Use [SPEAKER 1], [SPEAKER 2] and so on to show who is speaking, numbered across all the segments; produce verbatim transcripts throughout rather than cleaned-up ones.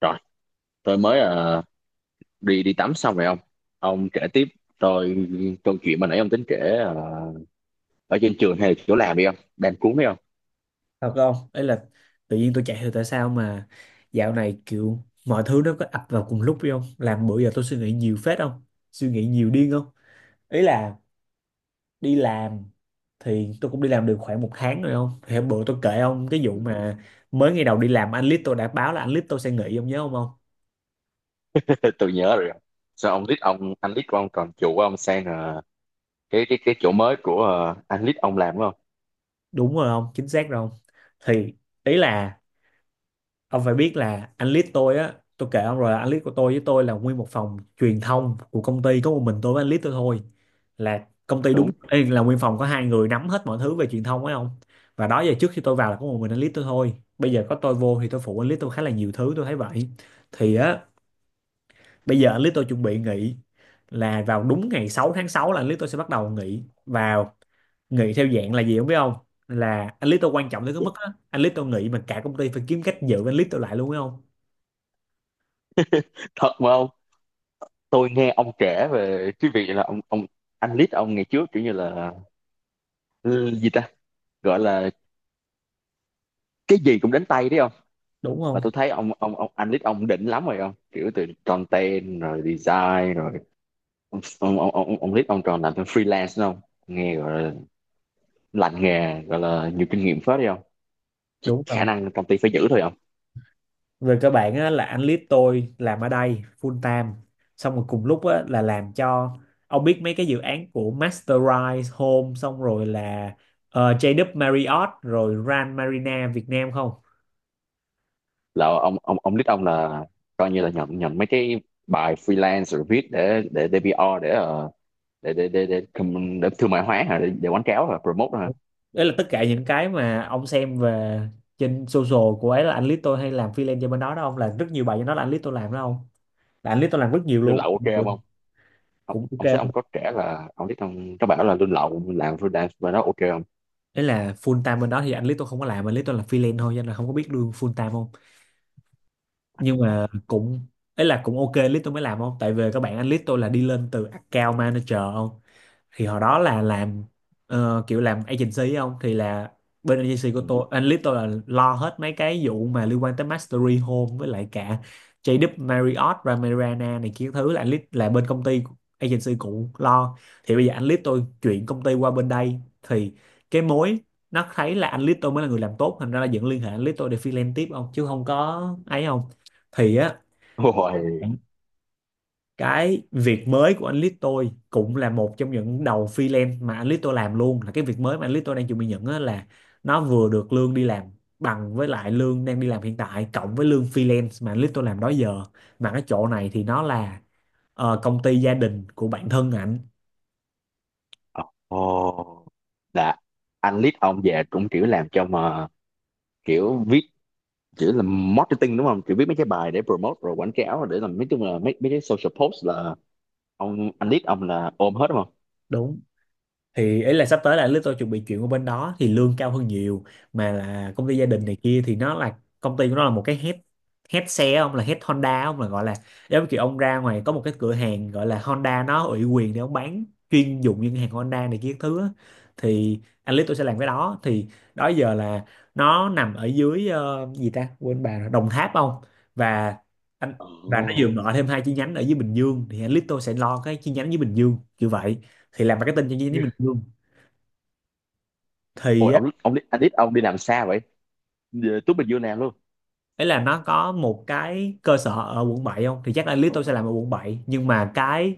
[SPEAKER 1] Rồi, tôi mới ờ, đi đi tắm xong rồi ông. Ông kể tiếp tôi câu chuyện mà nãy ông tính kể, ờ, ở trên trường hay là chỗ làm đi không? Đang cuốn đi không?
[SPEAKER 2] Thật không, ấy là tự nhiên tôi chạy thì tại sao mà dạo này kiểu mọi thứ nó có ập vào cùng lúc phải không, làm bữa giờ tôi suy nghĩ nhiều phết không, suy nghĩ nhiều điên không. Ý là đi làm thì tôi cũng đi làm được khoảng một tháng rồi không, thì hôm bữa tôi kể ông cái vụ
[SPEAKER 1] Ừ.
[SPEAKER 2] mà mới ngày đầu đi làm anh Lít tôi đã báo là anh Lít tôi sẽ nghỉ, ông nhớ không không?
[SPEAKER 1] Tôi, tôi nhớ rồi. Sao ông lít ông anh lít của ông còn chủ của ông sang, ờ, cái cái cái chỗ mới của ờ, anh lít ông làm đúng không?
[SPEAKER 2] Đúng rồi không, chính xác rồi không. Thì ý là ông phải biết là anh lead tôi á, tôi kể ông rồi là anh lead của tôi với tôi là nguyên một phòng truyền thông của công ty, có một mình tôi với anh lead tôi thôi, là công ty đúng
[SPEAKER 1] Đúng.
[SPEAKER 2] ê, là nguyên phòng có hai người nắm hết mọi thứ về truyền thông ấy không. Và đó giờ trước khi tôi vào là có một mình anh lead tôi thôi, bây giờ có tôi vô thì tôi phụ anh lead tôi khá là nhiều thứ tôi thấy vậy. Thì á, bây giờ anh lead tôi chuẩn bị nghỉ, là vào đúng ngày sáu tháng sáu là anh lead tôi sẽ bắt đầu nghỉ vào, nghỉ theo dạng là gì không biết không, là anh lead tôi quan trọng tới cái mức á, anh lead tôi nghỉ mà cả công ty phải kiếm cách giữ anh lead tôi lại luôn ấy không.
[SPEAKER 1] Thật mà ông, tôi nghe ông kể về cái việc là ông ông anh lít ông ngày trước kiểu như là, ừ, gì ta? Gọi là cái gì cũng đến tay đấy không?
[SPEAKER 2] Đúng
[SPEAKER 1] Mà
[SPEAKER 2] không,
[SPEAKER 1] tôi thấy ông ông ông anh lít ông đỉnh lắm rồi không? Kiểu từ content rồi design rồi ông ông ông ông, ông Lít ông tròn làm thêm freelance đúng không, nghe gọi là lành nghề, gọi là nhiều kinh nghiệm phết đi không. Chắc
[SPEAKER 2] đúng
[SPEAKER 1] khả
[SPEAKER 2] không,
[SPEAKER 1] năng công ty phải giữ thôi không.
[SPEAKER 2] về cơ bản á, là anh lead tôi làm ở đây full time, xong rồi cùng lúc á, là làm cho ông biết mấy cái dự án của Masterize Home, xong rồi là ờ, gi vê kép Marriott rồi Grand Marina Việt Nam không.
[SPEAKER 1] Là ông ông ông Lít ông là coi như là nhận nhận mấy cái bài freelance rồi viết để để để pê rờ, để ờ, để để để để, com- để thương mại hóa hả, để, để quảng cáo hả, promote hả.
[SPEAKER 2] Đúng. Đấy là tất cả những cái mà ông xem về trên social của ấy, là anh lead tôi hay làm freelance cho bên đó đó không, là rất nhiều bài cho nó là anh lead tôi làm đó không, là anh lead tôi làm rất nhiều
[SPEAKER 1] Lương
[SPEAKER 2] luôn
[SPEAKER 1] lậu ok không
[SPEAKER 2] cũng.
[SPEAKER 1] ông ông,
[SPEAKER 2] Cũng ok
[SPEAKER 1] ông sẽ
[SPEAKER 2] không?
[SPEAKER 1] Ông có kể là ông Lít ông có bảo là lương lậu làm freelance và nó ok không.
[SPEAKER 2] Đấy là full time bên đó thì anh lead tôi không có làm, anh lead tôi là freelance thôi, cho nên là không có biết lương full time không, nhưng mà cũng, ấy là cũng ok list tôi mới làm không, tại vì các bạn anh list tôi là đi lên từ account manager không. Thì hồi đó là làm ờ, kiểu làm agency không, thì là bên agency của
[SPEAKER 1] Ừ.
[SPEAKER 2] tôi, analyst tôi là lo hết mấy cái vụ mà liên quan tới Mastery Home với lại cả gi vê kép Marriott Ramirana này kia thứ, là analyst là bên công ty agency cũ lo. Thì bây giờ analyst tôi chuyển công ty qua bên đây thì cái mối nó thấy là analyst tôi mới là người làm tốt, thành ra là vẫn liên hệ analyst tôi để freelance tiếp không, chứ không có ấy không. Thì á,
[SPEAKER 1] Ôi.
[SPEAKER 2] cái việc mới của anh Lít tôi cũng là một trong những đầu freelance mà anh Lít tôi làm luôn, là cái việc mới mà anh Lít tôi đang chuẩn bị nhận á, là nó vừa được lương đi làm bằng với lại lương đang đi làm hiện tại cộng với lương freelance mà anh Lít tôi làm đó giờ, mà cái chỗ này thì nó là ờ, công ty gia đình của bản thân ảnh.
[SPEAKER 1] Ồ. Là anh lead ông về cũng kiểu làm cho mà, kiểu viết, chỉ là marketing đúng không, chỉ viết mấy cái bài để promote rồi quảng cáo, để làm mấy, chung là mấy mấy cái social post, là ông anh lead ông là ôm hết đúng không.
[SPEAKER 2] Đúng, thì ý là sắp tới là anh Lít tôi chuẩn bị chuyển qua bên đó thì lương cao hơn nhiều, mà là công ty gia đình này kia thì nó là công ty của nó là một cái head, head xe ông, là head Honda ông, là gọi là giống như kiểu ông ra ngoài có một cái cửa hàng gọi là Honda nó ủy quyền để ông bán chuyên dụng những hàng Honda này kia các thứ á. Thì anh Lít tôi sẽ làm cái đó, thì đó giờ là nó nằm ở dưới ờ, gì ta quên bà rồi, Đồng Tháp không. Và anh và
[SPEAKER 1] Ồ.
[SPEAKER 2] nó vừa mở thêm hai chi nhánh ở dưới Bình Dương, thì anh Lít tôi sẽ lo cái chi nhánh dưới Bình Dương kiểu vậy, thì làm marketing cho những
[SPEAKER 1] Yeah.
[SPEAKER 2] bình dương. Thì
[SPEAKER 1] Ôi,
[SPEAKER 2] á,
[SPEAKER 1] ông ông anh lead ông đi làm xa vậy. Về Tú Bình Dương làm luôn.
[SPEAKER 2] ấy là nó có một cái cơ sở ở quận bảy không, thì chắc là Lito sẽ làm ở quận bảy, nhưng mà cái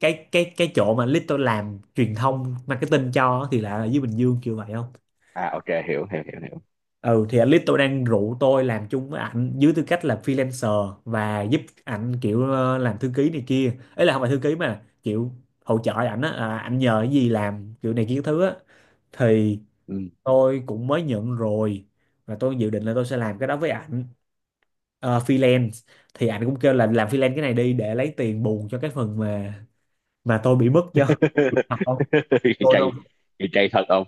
[SPEAKER 2] cái cái cái chỗ mà Lito làm truyền thông marketing cho á, thì lại là dưới Bình Dương kiểu vậy không.
[SPEAKER 1] À, ok, hiểu hiểu hiểu hiểu.
[SPEAKER 2] Ừ thì anh Lito đang rủ tôi làm chung với ảnh dưới tư cách là freelancer và giúp ảnh kiểu ờ, làm thư ký này kia, ấy là không phải thư ký mà kiểu hỗ trợ ảnh á, à, ảnh nhờ cái gì làm kiểu này kia cái thứ á. Thì
[SPEAKER 1] Ừ.
[SPEAKER 2] tôi cũng mới nhận rồi, và tôi dự định là tôi sẽ làm cái đó với ảnh ờ, freelance. Thì anh cũng kêu là làm freelance cái này đi để lấy tiền bù cho cái phần mà mà tôi bị mất do học cô đâu.
[SPEAKER 1] chay chay thật không.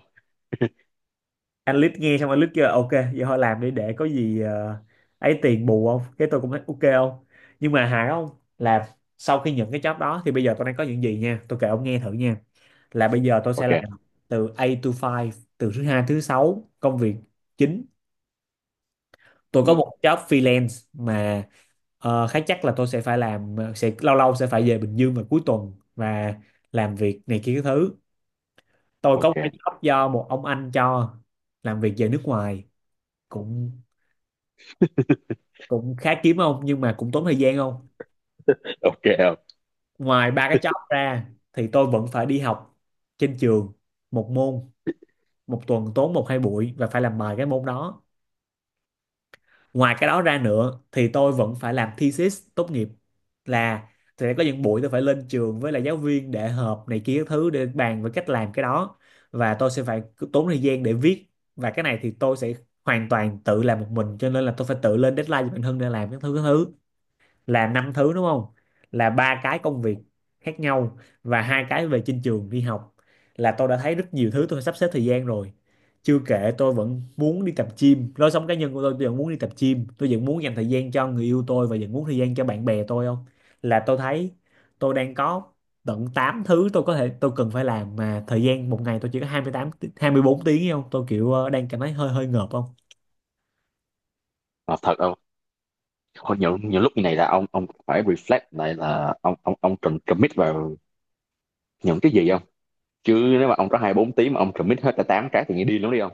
[SPEAKER 2] Anh lít nghe xong anh lít kêu là, ok vậy thôi làm đi để có gì ờ, ấy tiền bù không, cái tôi cũng thấy ok không. Nhưng mà hài không, là sau khi nhận cái job đó thì bây giờ tôi đang có những gì nha, tôi kể ông nghe thử nha. Là bây giờ tôi sẽ
[SPEAKER 1] Ok.
[SPEAKER 2] làm từ A to Five, từ thứ hai tới thứ sáu công việc chính. Tôi có
[SPEAKER 1] Ừ.
[SPEAKER 2] một job freelance mà ờ, khá chắc là tôi sẽ phải làm, sẽ lâu lâu sẽ phải về Bình Dương vào cuối tuần và làm việc này kia cái thứ. Tôi có
[SPEAKER 1] Ok.
[SPEAKER 2] một cái job do một ông anh cho làm việc về nước ngoài, cũng cũng khá kiếm không nhưng mà cũng tốn thời gian không.
[SPEAKER 1] Ok không.
[SPEAKER 2] Ngoài ba cái job ra thì tôi vẫn phải đi học trên trường một môn, một tuần tốn một hai buổi và phải làm bài cái môn đó. Ngoài cái đó ra nữa thì tôi vẫn phải làm thesis tốt nghiệp, là sẽ có những buổi tôi phải lên trường với là giáo viên để họp này kia các thứ để bàn về cách làm cái đó, và tôi sẽ phải cứ tốn thời gian để viết, và cái này thì tôi sẽ hoàn toàn tự làm một mình cho nên là tôi phải tự lên deadline cho bản thân để làm các thứ các thứ. Là năm thứ đúng không, là ba cái công việc khác nhau và hai cái về trên trường đi học, là tôi đã thấy rất nhiều thứ tôi sắp xếp thời gian rồi. Chưa kể tôi vẫn muốn đi tập gym, lối sống cá nhân của tôi tôi vẫn muốn đi tập gym, tôi vẫn muốn dành thời gian cho người yêu tôi và vẫn muốn thời gian cho bạn bè tôi không. Là tôi thấy tôi đang có tận tám thứ tôi có thể tôi cần phải làm, mà thời gian một ngày tôi chỉ có hai mươi tám tí- hai mươi bốn tiếng ấy không, tôi kiểu ờ, đang cảm thấy hơi hơi ngợp không.
[SPEAKER 1] Mà thật không? Hồi nhiều nhiều lúc như này là ông ông phải reflect lại là ông ông ông cần commit vào những cái gì không. Chứ nếu mà ông có hai bốn tiếng mà ông commit hết cả tám cái thì nghe điên lắm đi không.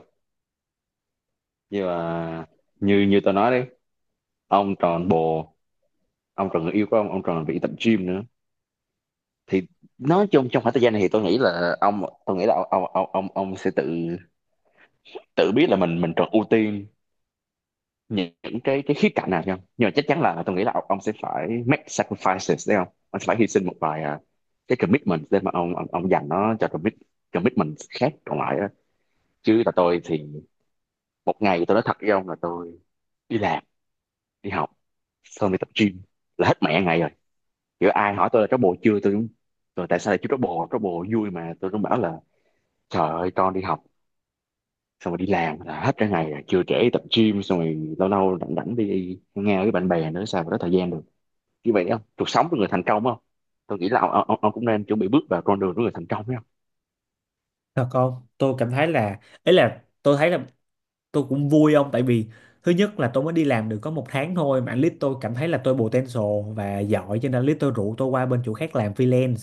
[SPEAKER 1] Nhưng mà như như tôi nói đấy, ông tròn bồ, ông tròn người yêu của ông ông tròn bị tập gym nữa. Thì nói chung trong khoảng thời gian này thì tôi nghĩ là ông tôi nghĩ là ông ông ông ông, ông sẽ tự tự biết là mình mình cần ưu tiên những những cái cái khía cạnh nào không. Nhưng mà chắc chắn là tôi nghĩ là ông, ông sẽ phải make sacrifices đấy không, ông sẽ phải hy sinh một vài, à, cái commitment để mà ông ông, ông dành nó cho commit commitment khác còn lại á. Chứ là tôi thì một ngày, tôi nói thật với ông là tôi đi làm, đi học, xong đi tập gym là hết mẹ ngày rồi. Kiểu ai hỏi tôi là trót bồ chưa, tôi cũng rồi, tại sao lại chưa trót bồ, trót bồ vui mà, tôi cũng bảo là trời ơi, con đi học xong rồi đi làm là hết cả ngày rồi chưa, trễ đi tập gym xong rồi lâu lâu rảnh rảnh đi nghe với bạn bè nữa, sao mà có thời gian được. Như vậy không, cuộc sống của người thành công không. Tôi nghĩ là ông, ông, ông cũng nên chuẩn bị bước vào con đường của người thành công đấy không.
[SPEAKER 2] Thật không, tôi cảm thấy là ấy là tôi thấy là tôi cũng vui ông, tại vì thứ nhất là tôi mới đi làm được có một tháng thôi mà anh lít tôi cảm thấy là tôi potential và giỏi, cho nên anh lít tôi rủ tôi qua bên chỗ khác làm freelance,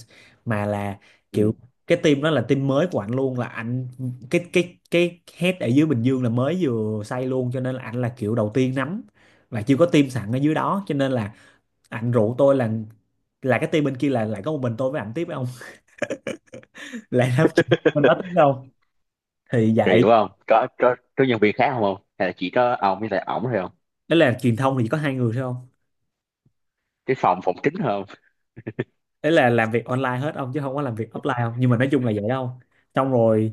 [SPEAKER 2] mà là
[SPEAKER 1] Ừ.
[SPEAKER 2] kiểu cái team đó là team mới của anh luôn, là anh cái cái cái head ở dưới Bình Dương là mới vừa xây luôn cho nên là anh là kiểu đầu tiên nắm, và chưa có team sẵn ở dưới đó cho nên là anh rủ tôi là là cái team bên kia là lại có một mình tôi với ảnh tiếp với ông lại làm chuyện bên đó tiếp đâu. Thì
[SPEAKER 1] Rồi
[SPEAKER 2] vậy,
[SPEAKER 1] hiểu không? Có, có có nhân viên khác không không, hay là chỉ có ông với lại ổng thôi không?
[SPEAKER 2] đó là truyền thông thì chỉ có hai người thôi không,
[SPEAKER 1] Cái phòng phòng chính thôi không?
[SPEAKER 2] ấy là làm việc online hết ông chứ không có làm việc offline không, nhưng mà nói chung là vậy không. Xong rồi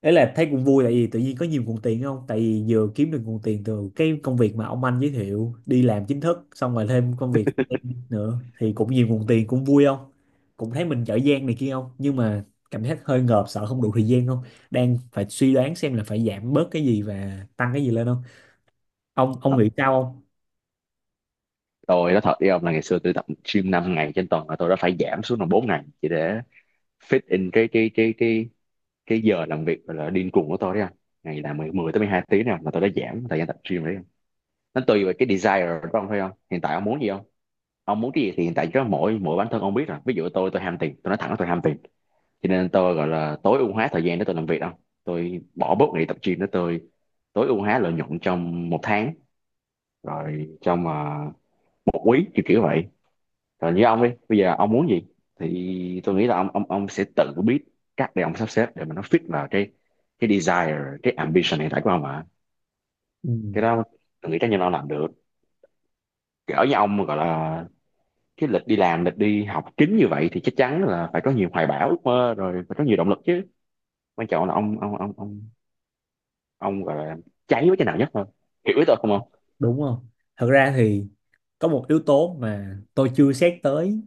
[SPEAKER 2] ấy là thấy cũng vui tại vì tự nhiên có nhiều nguồn tiền không, tại vì vừa kiếm được nguồn tiền từ cái công việc mà ông anh giới thiệu đi làm chính thức, xong rồi thêm công việc freelance nữa thì cũng nhiều nguồn tiền cũng vui không, cũng thấy mình giỏi giang này kia không. Nhưng mà cảm giác hơi ngợp, sợ không đủ thời gian không, đang phải suy đoán xem là phải giảm bớt cái gì và tăng cái gì lên không. Ông ông
[SPEAKER 1] Thật,
[SPEAKER 2] nghĩ sao không?
[SPEAKER 1] tôi nói thật đi ông, là ngày xưa tôi tập gym năm ngày trên tuần là tôi đã phải giảm xuống còn bốn ngày chỉ để fit in cái cái cái cái cái giờ làm việc là điên cuồng của tôi đấy anh. Ngày làm mười mười tới mười hai tiếng nào mà tôi đã giảm thời gian tập gym rồi đấy anh. Nó tùy vào cái desire của ông thôi không, hiện tại ông muốn gì không? Ông muốn cái gì thì hiện tại chỉ mỗi mỗi bản thân ông biết rồi. Ví dụ tôi tôi ham tiền, tôi nói thẳng là tôi ham tiền, cho nên tôi gọi là tối ưu hóa thời gian để tôi làm việc đâu, tôi bỏ bớt ngày tập gym để tôi tối ưu hóa lợi nhuận trong một tháng, rồi trong, à, một quý kiểu kiểu vậy. Rồi như ông đi, bây giờ ông muốn gì thì tôi nghĩ là ông ông ông sẽ tự biết cách để ông sắp xếp để mà nó fit vào cái cái desire, cái ambition hiện tại của ông mà.
[SPEAKER 2] Ừ,
[SPEAKER 1] Cái đó tôi nghĩ chắc chắn là ông làm được. Cỡ như ông gọi là cái lịch đi làm, lịch đi học kín như vậy thì chắc chắn là phải có nhiều hoài bão, ước mơ rồi, phải có nhiều động lực chứ. Quan trọng là ông ông ông ông ông gọi là cháy với cái nào nhất thôi. Hiểu ý tôi không không?
[SPEAKER 2] đúng không. Thật ra thì có một yếu tố mà tôi chưa xét tới,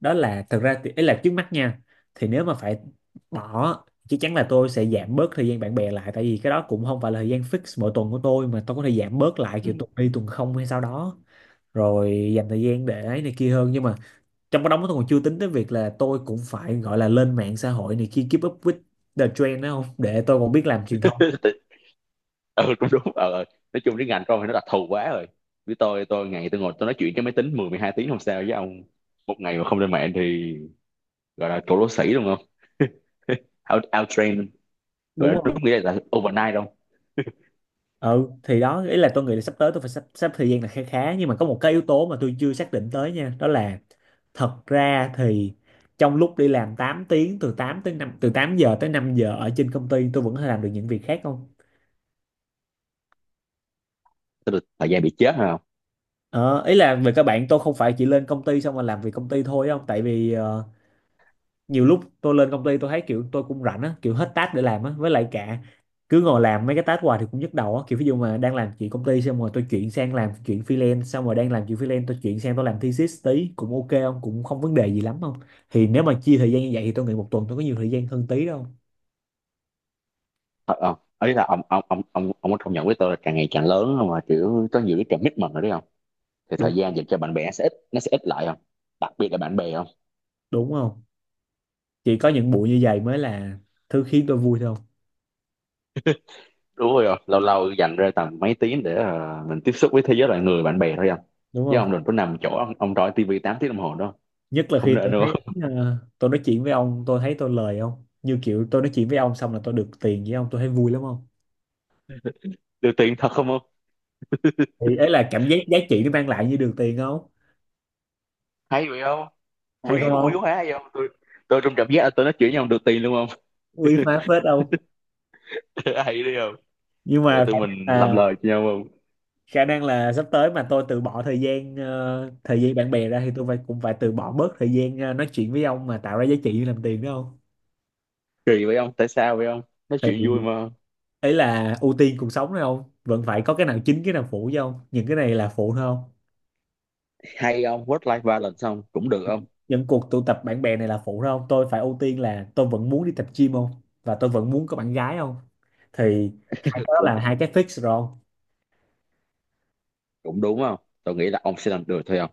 [SPEAKER 2] đó là thật ra thì ấy là trước mắt nha, thì nếu mà phải bỏ chắc chắn là tôi sẽ giảm bớt thời gian bạn bè lại, tại vì cái đó cũng không phải là thời gian fix mỗi tuần của tôi mà tôi có thể giảm bớt lại kiểu tuần đi tuần không hay sao đó, rồi dành thời gian để ấy này kia hơn. Nhưng mà trong cái đó tôi còn chưa tính tới việc là tôi cũng phải gọi là lên mạng xã hội này kia keep up with the trend đó không, để tôi còn biết làm truyền thông
[SPEAKER 1] Ừ. Ừ, cũng đúng. ờ ờ. Nói chung cái ngành tôi thì nó đặc thù quá rồi, với tôi tôi ngày tôi ngồi tôi nói chuyện cái máy tính mười mười hai tiếng không sao. Với ông một ngày mà không lên mạng thì gọi là cổ lỗ sĩ đúng không, out out train, gọi
[SPEAKER 2] đúng
[SPEAKER 1] là đúng
[SPEAKER 2] không.
[SPEAKER 1] nghĩa là overnight đâu.
[SPEAKER 2] Ừ thì đó, ý là tôi nghĩ là sắp tới tôi phải sắp sắp thời gian là khá khá, nhưng mà có một cái yếu tố mà tôi chưa xác định tới nha, đó là thật ra thì trong lúc đi làm tám tiếng từ tám tới năm, từ tám giờ tới năm giờ ở trên công ty, tôi vẫn có thể làm được những việc khác không.
[SPEAKER 1] Tức là thời gian bị chết hả không?
[SPEAKER 2] ờ, Ý là về các bạn tôi không phải chỉ lên công ty xong rồi làm việc công ty thôi không, tại vì ờ, nhiều lúc tôi lên công ty tôi thấy kiểu tôi cũng rảnh á, kiểu hết task để làm á, với lại cả cứ ngồi làm mấy cái task hoài thì cũng nhức đầu á, kiểu ví dụ mà đang làm chuyện công ty xong rồi tôi chuyển sang làm chuyện freelance, xong rồi đang làm chuyện freelance tôi chuyển sang tôi làm thesis tí cũng ok không, cũng không vấn đề gì lắm không. Thì nếu mà chia thời gian như vậy thì tôi nghĩ một tuần tôi có nhiều thời gian hơn tí đâu.
[SPEAKER 1] ờ ờ. Ấy là ông ông ông ông ông có công nhận với tôi là càng ngày càng lớn không, mà kiểu có nhiều cái commitment rồi đấy không. Thì
[SPEAKER 2] Đúng,
[SPEAKER 1] thời gian dành cho bạn bè sẽ ít, nó sẽ ít lại không. Đặc biệt là bạn bè không.
[SPEAKER 2] đúng không, chỉ có những buổi như vậy mới là thứ khiến tôi vui thôi.
[SPEAKER 1] Đúng rồi ạ. Lâu lâu dành ra tầm mấy tiếng để ờ, mình tiếp xúc với thế giới loài người bạn bè thôi anh.
[SPEAKER 2] Đúng
[SPEAKER 1] Chứ
[SPEAKER 2] không,
[SPEAKER 1] ông đừng có nằm chỗ ông ông trói tivi tám tiếng đồng hồ đó.
[SPEAKER 2] nhất là
[SPEAKER 1] Không
[SPEAKER 2] khi
[SPEAKER 1] nên
[SPEAKER 2] tôi
[SPEAKER 1] đâu.
[SPEAKER 2] thấy ờ, tôi nói chuyện với ông tôi thấy tôi lời không, như kiểu tôi nói chuyện với ông xong là tôi được tiền với ông, tôi thấy vui lắm không.
[SPEAKER 1] được tiền thật không không.
[SPEAKER 2] Thì ấy là cảm giác giá trị nó mang lại như đường tiền không.
[SPEAKER 1] Hay vậy không.
[SPEAKER 2] Hay
[SPEAKER 1] Quý
[SPEAKER 2] không
[SPEAKER 1] quý
[SPEAKER 2] không,
[SPEAKER 1] quá hay không, tôi tôi trong cảm giác là tôi nói chuyện với ông được tiền luôn không.
[SPEAKER 2] uy phá phết không.
[SPEAKER 1] Hay đi không.
[SPEAKER 2] Nhưng
[SPEAKER 1] Rồi
[SPEAKER 2] mà khả
[SPEAKER 1] tụi
[SPEAKER 2] năng
[SPEAKER 1] mình làm
[SPEAKER 2] là
[SPEAKER 1] lời cho nhau không.
[SPEAKER 2] khả năng là sắp tới mà tôi từ bỏ thời gian ờ, thời gian bạn bè ra thì tôi phải cũng phải từ bỏ bớt thời gian ờ, nói chuyện với ông mà tạo ra giá trị như làm tiền đúng không.
[SPEAKER 1] Kỳ vậy không, tại sao vậy không? Nói
[SPEAKER 2] Thì
[SPEAKER 1] chuyện vui mà.
[SPEAKER 2] ấy là ưu tiên cuộc sống đấy không, vẫn phải có cái nào chính cái nào phụ chứ không, những cái này là phụ thôi không.
[SPEAKER 1] Hay không, work life balance không cũng được không.
[SPEAKER 2] Những cuộc tụ tập bạn bè này là phụ thôi không, tôi phải ưu tiên là tôi vẫn muốn đi tập gym không, và tôi vẫn muốn có bạn gái không. Thì hai cái đó
[SPEAKER 1] cũng,
[SPEAKER 2] là hai cái fix rồi không?
[SPEAKER 1] cũng đúng không. Tôi nghĩ là ông sẽ làm được thôi không,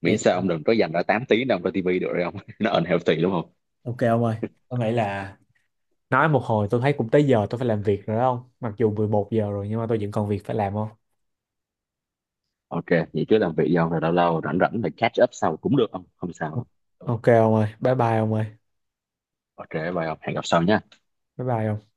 [SPEAKER 1] miễn
[SPEAKER 2] Đẹp.
[SPEAKER 1] sao ông đừng có dành ra tám tiếng đâu cho tivi được rồi không. Nó unhealthy đúng không.
[SPEAKER 2] Ok ông ơi, có nghĩ là nói một hồi tôi thấy cũng tới giờ tôi phải làm việc rồi đó ông. Mặc dù mười một giờ rồi nhưng mà tôi vẫn còn việc phải làm không?
[SPEAKER 1] Ok, vậy chứ làm việc gì không? Rồi lâu lâu rảnh rảnh thì catch up sau cũng được không? Không sao.
[SPEAKER 2] Ok ông ơi, bye bye ông ơi,
[SPEAKER 1] Ok, bye ông, hẹn gặp sau nhé.
[SPEAKER 2] bye bye ông.